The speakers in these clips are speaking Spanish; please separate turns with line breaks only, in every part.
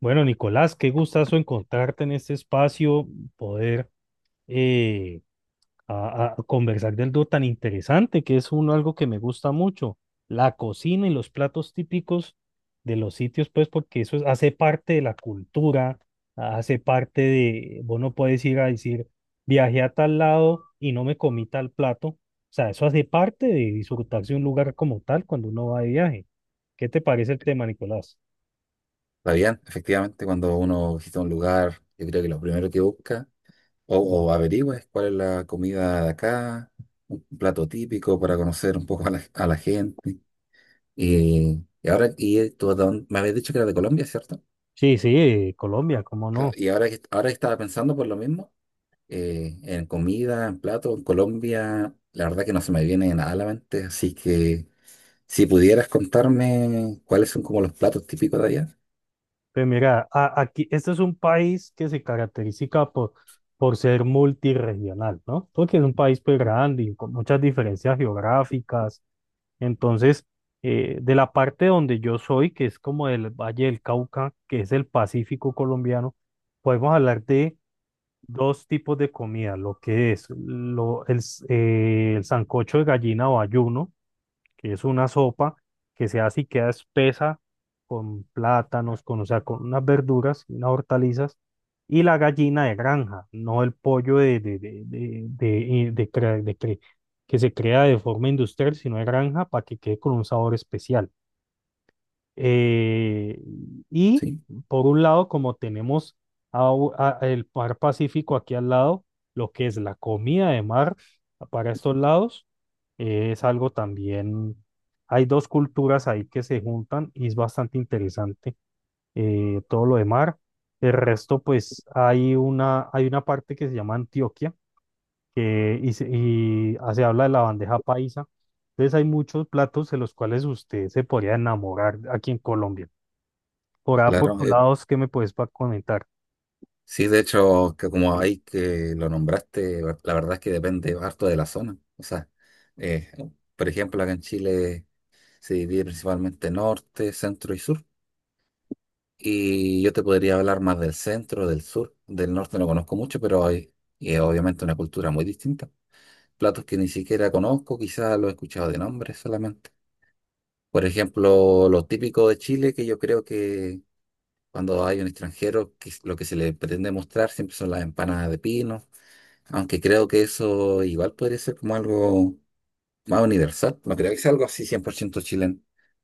Bueno, Nicolás, qué gustazo encontrarte en este espacio, poder eh, a conversar de algo tan interesante, que es uno, algo que me gusta mucho, la cocina y los platos típicos de los sitios, pues porque hace parte de la cultura, hace parte de, vos no puedes ir a decir, viajé a tal lado y no me comí tal plato, o sea, eso hace parte de disfrutarse un lugar como tal cuando uno va de viaje. ¿Qué te parece el tema, Nicolás?
La bien, efectivamente, cuando uno visita un lugar, yo creo que lo primero que busca o averigua es cuál es la comida de acá, un plato típico para conocer un poco a la gente. Y ahora, tú, me habías dicho que era de Colombia, ¿cierto?
Sí, sí, Colombia, cómo
Claro,
no.
y ahora que estaba pensando por lo mismo, en comida, en plato, en Colombia, la verdad que no se me viene nada a la mente, así que si pudieras contarme cuáles son como los platos típicos de allá,
Pero mira, aquí, este es un país que se caracteriza por, por ser multirregional, ¿no? Porque es un país pues grande y con muchas diferencias geográficas. Entonces, de la parte donde yo soy, que es como el Valle del Cauca, que es el Pacífico colombiano, podemos hablar de dos tipos de comida, lo que es lo, el, s- el sancocho de gallina o ayuno que es una sopa que se hace y queda espesa con plátanos, con, o sea, con unas verduras, unas hortalizas, y la gallina de granja, no el pollo de cre- que se crea de forma industrial, sino de granja para que quede con un sabor especial. Eh, y
sí,
por un lado, como tenemos el mar Pacífico aquí al lado, lo que es la comida de mar para estos lados, es algo también, hay dos culturas ahí que se juntan y es bastante interesante, todo lo de mar. El resto, pues hay una parte que se llama Antioquia que se habla de la bandeja paisa. Entonces hay muchos platos de los cuales usted se podría enamorar aquí en Colombia. Por A, por
claro.
tu lado, ¿qué me puedes pa comentar?
Sí, de hecho, que como ahí que lo nombraste, la verdad es que depende harto de la zona. O sea, eh, por ejemplo, acá en Chile se divide principalmente norte, centro y sur. Y yo te podría hablar más del centro, del sur. Del norte no conozco mucho, pero hay y es obviamente una cultura muy distinta. Platos que ni siquiera conozco, quizás los he escuchado de nombre solamente. Por ejemplo, lo típico de Chile, que yo creo que cuando hay un extranjero, lo que se le pretende mostrar siempre son las empanadas de pino. Aunque creo que eso igual podría ser como algo más universal. No creo que sea algo así 100% chileno.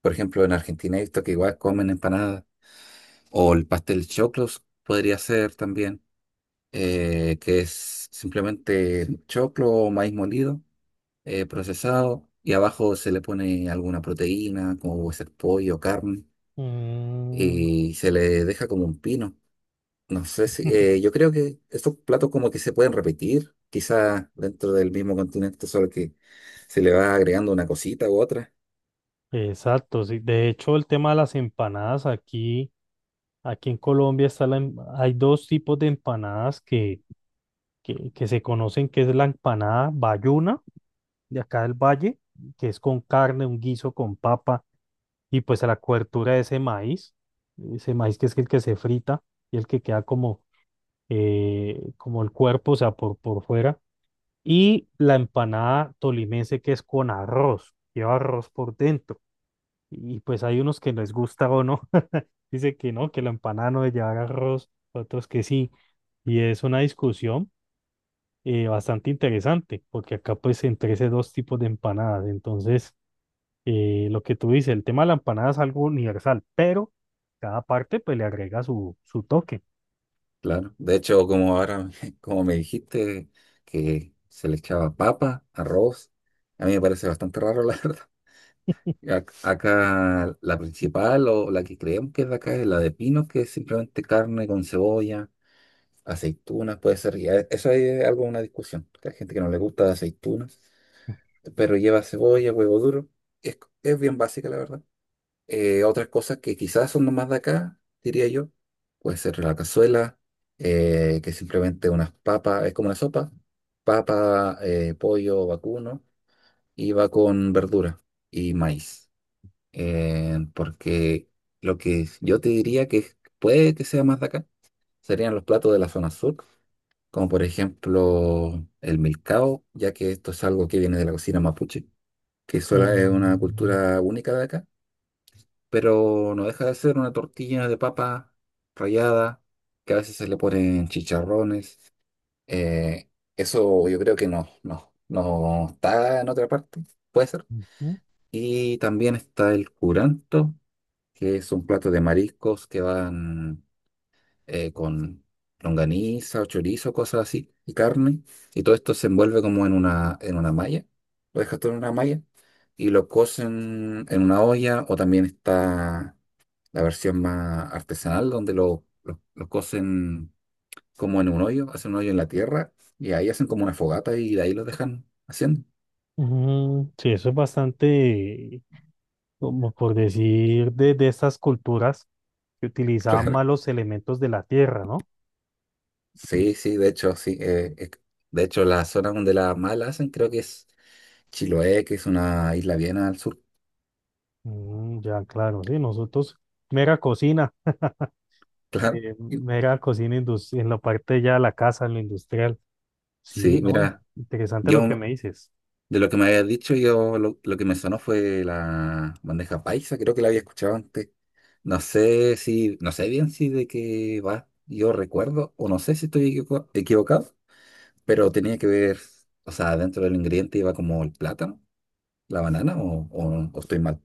Por ejemplo, en Argentina he visto que igual comen empanadas. O el pastel choclos podría ser también, que es simplemente choclo o maíz molido, procesado, y abajo se le pone alguna proteína, como puede ser pollo, carne,
Mm,
y se le deja como un pino. No sé si, yo creo que estos platos como que se pueden repetir, quizás dentro del mismo continente, solo que se le va agregando una cosita u otra.
exacto, sí. De hecho, el tema de las empanadas aquí, aquí en Colombia hay dos tipos de empanadas que se conocen, que es la empanada bayuna, de acá del valle, que es con carne, un guiso con papa, y pues la cobertura de ese maíz que es el que se frita y el que queda como, como el cuerpo, o sea, por fuera. Y la empanada tolimense que es con arroz, lleva arroz por dentro. Y pues hay unos que les gusta o no. Dice que no, que la empanada no debe llevar arroz, otros que sí. Y es una discusión, bastante interesante, porque acá pues entre esos dos tipos de empanadas. Entonces, lo que tú dices, el tema de la empanada es algo universal, pero cada parte pues le agrega su toque.
Claro. De hecho, como ahora, como me dijiste, que se le echaba papa, arroz, a mí me parece bastante raro, la verdad. Acá la principal o la que creemos que es de acá es la de pino, que es simplemente carne con cebolla, aceitunas, puede ser. Eso ahí es algo, una discusión. Que Hay gente que no le gusta aceitunas, pero lleva cebolla, huevo duro. Es bien básica, la verdad. Otras cosas que quizás son nomás de acá, diría yo, puede ser la cazuela, que simplemente unas papas, es como una sopa, papa, pollo, vacuno, y va con verdura y maíz. Porque lo que yo te diría puede que sea más de acá serían los platos de la zona sur, como por ejemplo el milcao, ya que esto es algo que viene de la cocina mapuche que es una
Mm,
cultura única de acá, pero no deja de ser una tortilla de papa rallada, que a veces se le ponen chicharrones. Eh, eso yo creo que no está en otra parte, puede ser.
ujú,
Y también está el curanto, que es un plato de mariscos que van con longaniza o chorizo, cosas así, y carne, y todo esto se envuelve como en una malla, lo dejas todo en una malla, y lo cocen en una olla, o también está la versión más artesanal, donde lo cocen como en un hoyo, hacen un hoyo en la tierra, y ahí hacen como una fogata y de ahí lo dejan haciendo.
ujú. Sí, eso es bastante como por decir, de estas culturas que utilizaban
Claro.
malos elementos de la tierra, ¿no?
Sí, sí, de hecho, sí. De hecho, la zona donde la más la hacen creo que es Chiloé, que es una isla bien al sur.
Mm, ya, claro, sí, nosotros, mera cocina,
Claro.
en la parte ya de la casa, en lo industrial. Sí,
Sí,
no,
mira,
interesante lo que
yo
me dices.
de lo que me habías dicho, yo lo que me sonó fue la bandeja paisa, creo que la había escuchado antes. No sé si, no sé bien si de qué va, yo recuerdo, o no sé si estoy equivocado, pero tenía que ver, o sea, dentro del ingrediente iba como el plátano, la banana, o estoy mal.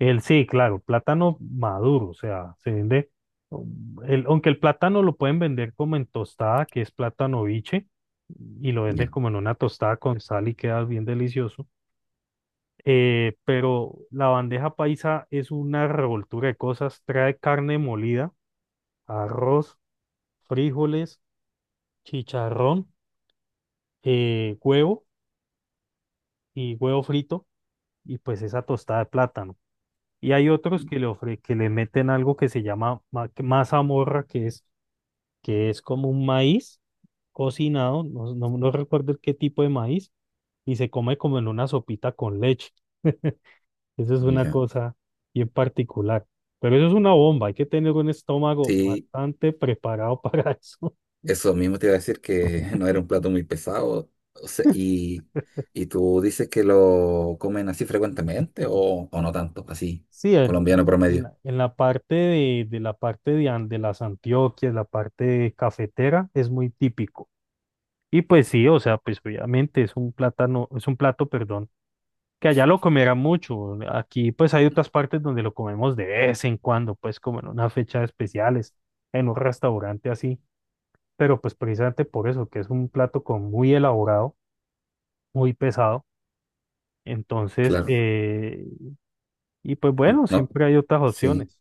El sí, claro, plátano maduro, o sea, se vende, aunque el plátano lo pueden vender como en tostada, que es plátano biche, y lo venden
Ya,
como en una tostada con sal y queda bien delicioso. Pero la bandeja paisa es una revoltura de cosas. Trae carne molida, arroz, frijoles, chicharrón, eh, huevo huevo frito y pues esa tostada de plátano. Y hay otros que le ofre, que le meten algo que se llama mazamorra, que es como un maíz cocinado, no recuerdo qué tipo de maíz, y se come como en una sopita con leche. Eso es una
ya.
cosa bien particular. Pero eso es una bomba, hay que tener un estómago
Sí,
bastante preparado para eso.
eso mismo te iba a decir que no era un plato muy pesado, o sea, y tú dices que lo comen así frecuentemente o no tanto, así,
Sí, en,
colombiano
en
promedio.
la, de la parte de, de las Antioquias, la parte de cafetera, es muy típico. Y pues sí, o sea, pues obviamente es un plátano, es un plato, perdón, que allá lo comerán mucho. Aquí pues hay otras partes donde lo comemos de vez en cuando, pues como en unas fechas especiales, en un restaurante así. Pero pues precisamente por eso, que es un plato con muy elaborado, muy pesado. Entonces,
Claro,
pues bueno,
no,
siempre hay otras
sí.
opciones.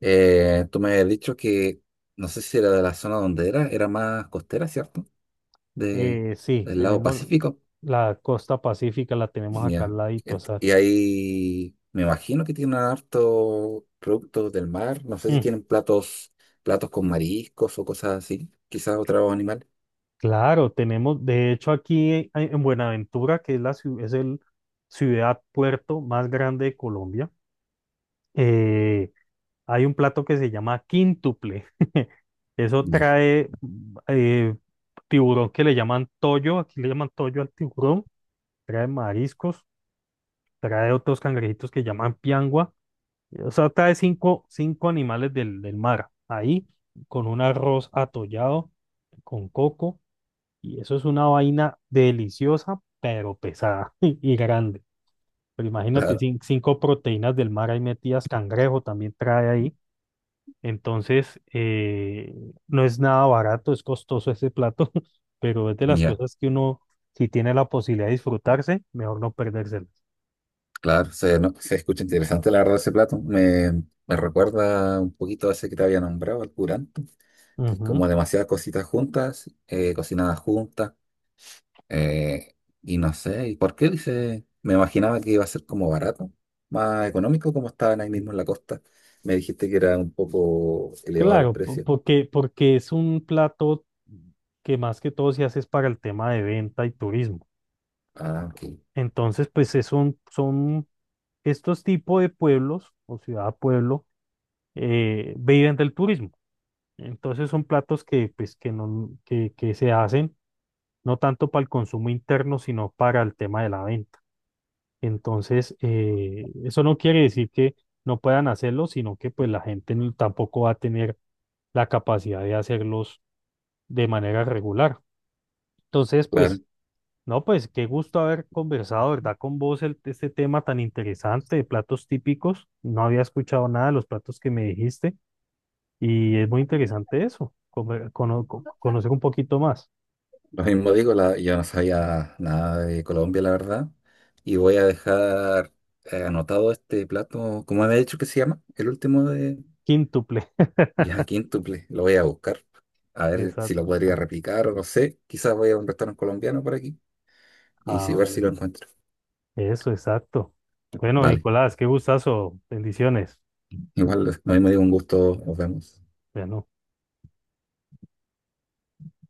Tú me has dicho que, no sé si era de la zona donde era, era más costera, ¿cierto? De,
Sí,
del lado
tenemos
Pacífico.
la costa pacífica, la tenemos acá
Ya.
al ladito,
Y
exacto.
ahí me imagino que tienen harto productos del mar. No sé si
Mm,
tienen platos, platos con mariscos o cosas así, quizás otro animal.
claro, tenemos, de hecho aquí en Buenaventura, que es es el ciudad puerto más grande de Colombia, eh, hay un plato que se llama quíntuple. Eso
Ya,
trae tiburón que le llaman toyo, aquí le llaman toyo al tiburón, trae mariscos, trae otros cangrejitos que llaman piangua, o sea, trae cinco animales del mar, ahí, con un arroz atollado, con coco, y eso es una vaina deliciosa, pero pesada y grande. Pero imagínate,
claro,
cinco proteínas del mar ahí metidas, cangrejo también trae ahí. Entonces, no es nada barato, es costoso ese plato, pero es de las
ya,
cosas que uno, si tiene la posibilidad de disfrutarse, mejor no perdérselas.
claro. Se, se escucha interesante la verdad ese plato. Me recuerda un poquito a ese que te había nombrado, el curanto, que es
Ujú.
como demasiadas cositas juntas, cocinadas juntas. eh, y no sé, ¿y por qué dice? Me imaginaba que iba a ser como barato, más económico, como estaban ahí mismo en la costa. Me dijiste que era un poco elevado el
Claro,
precio.
porque, porque es un plato que más que todo se hace es para el tema de venta y turismo.
Ah, ok,
Entonces, son estos tipos de pueblos o ciudad-pueblo viven del turismo. Entonces son platos que, pues, que, no, que se hacen no tanto para el consumo interno, sino para el tema de la venta. Entonces, eso no quiere decir que no puedan hacerlo, sino que pues la gente no- tampoco va a tener la capacidad de hacerlos de manera regular. Entonces,
claro.
pues, no, pues qué gusto haber conversado, ¿verdad? Con vos este tema tan interesante de platos típicos. No había escuchado nada de los platos que me dijiste y es muy interesante eso, conocer un poquito más.
Lo mismo digo, la- yo no sabía nada de Colombia, la verdad. Y voy a dejar anotado este plato, ¿cómo había dicho que se llama? El último de...
Quíntuple.
Ya, quíntuple, lo voy a buscar. A ver si lo
Exacto.
podría replicar o no sé. Quizás voy a un restaurante colombiano por aquí y
Ah,
si ver si
bueno.
lo encuentro.
Eso, exacto. Bueno,
Vale,
Nicolás, qué gustazo. Bendiciones.
igual lo mismo digo, un gusto, nos vemos.
Bueno.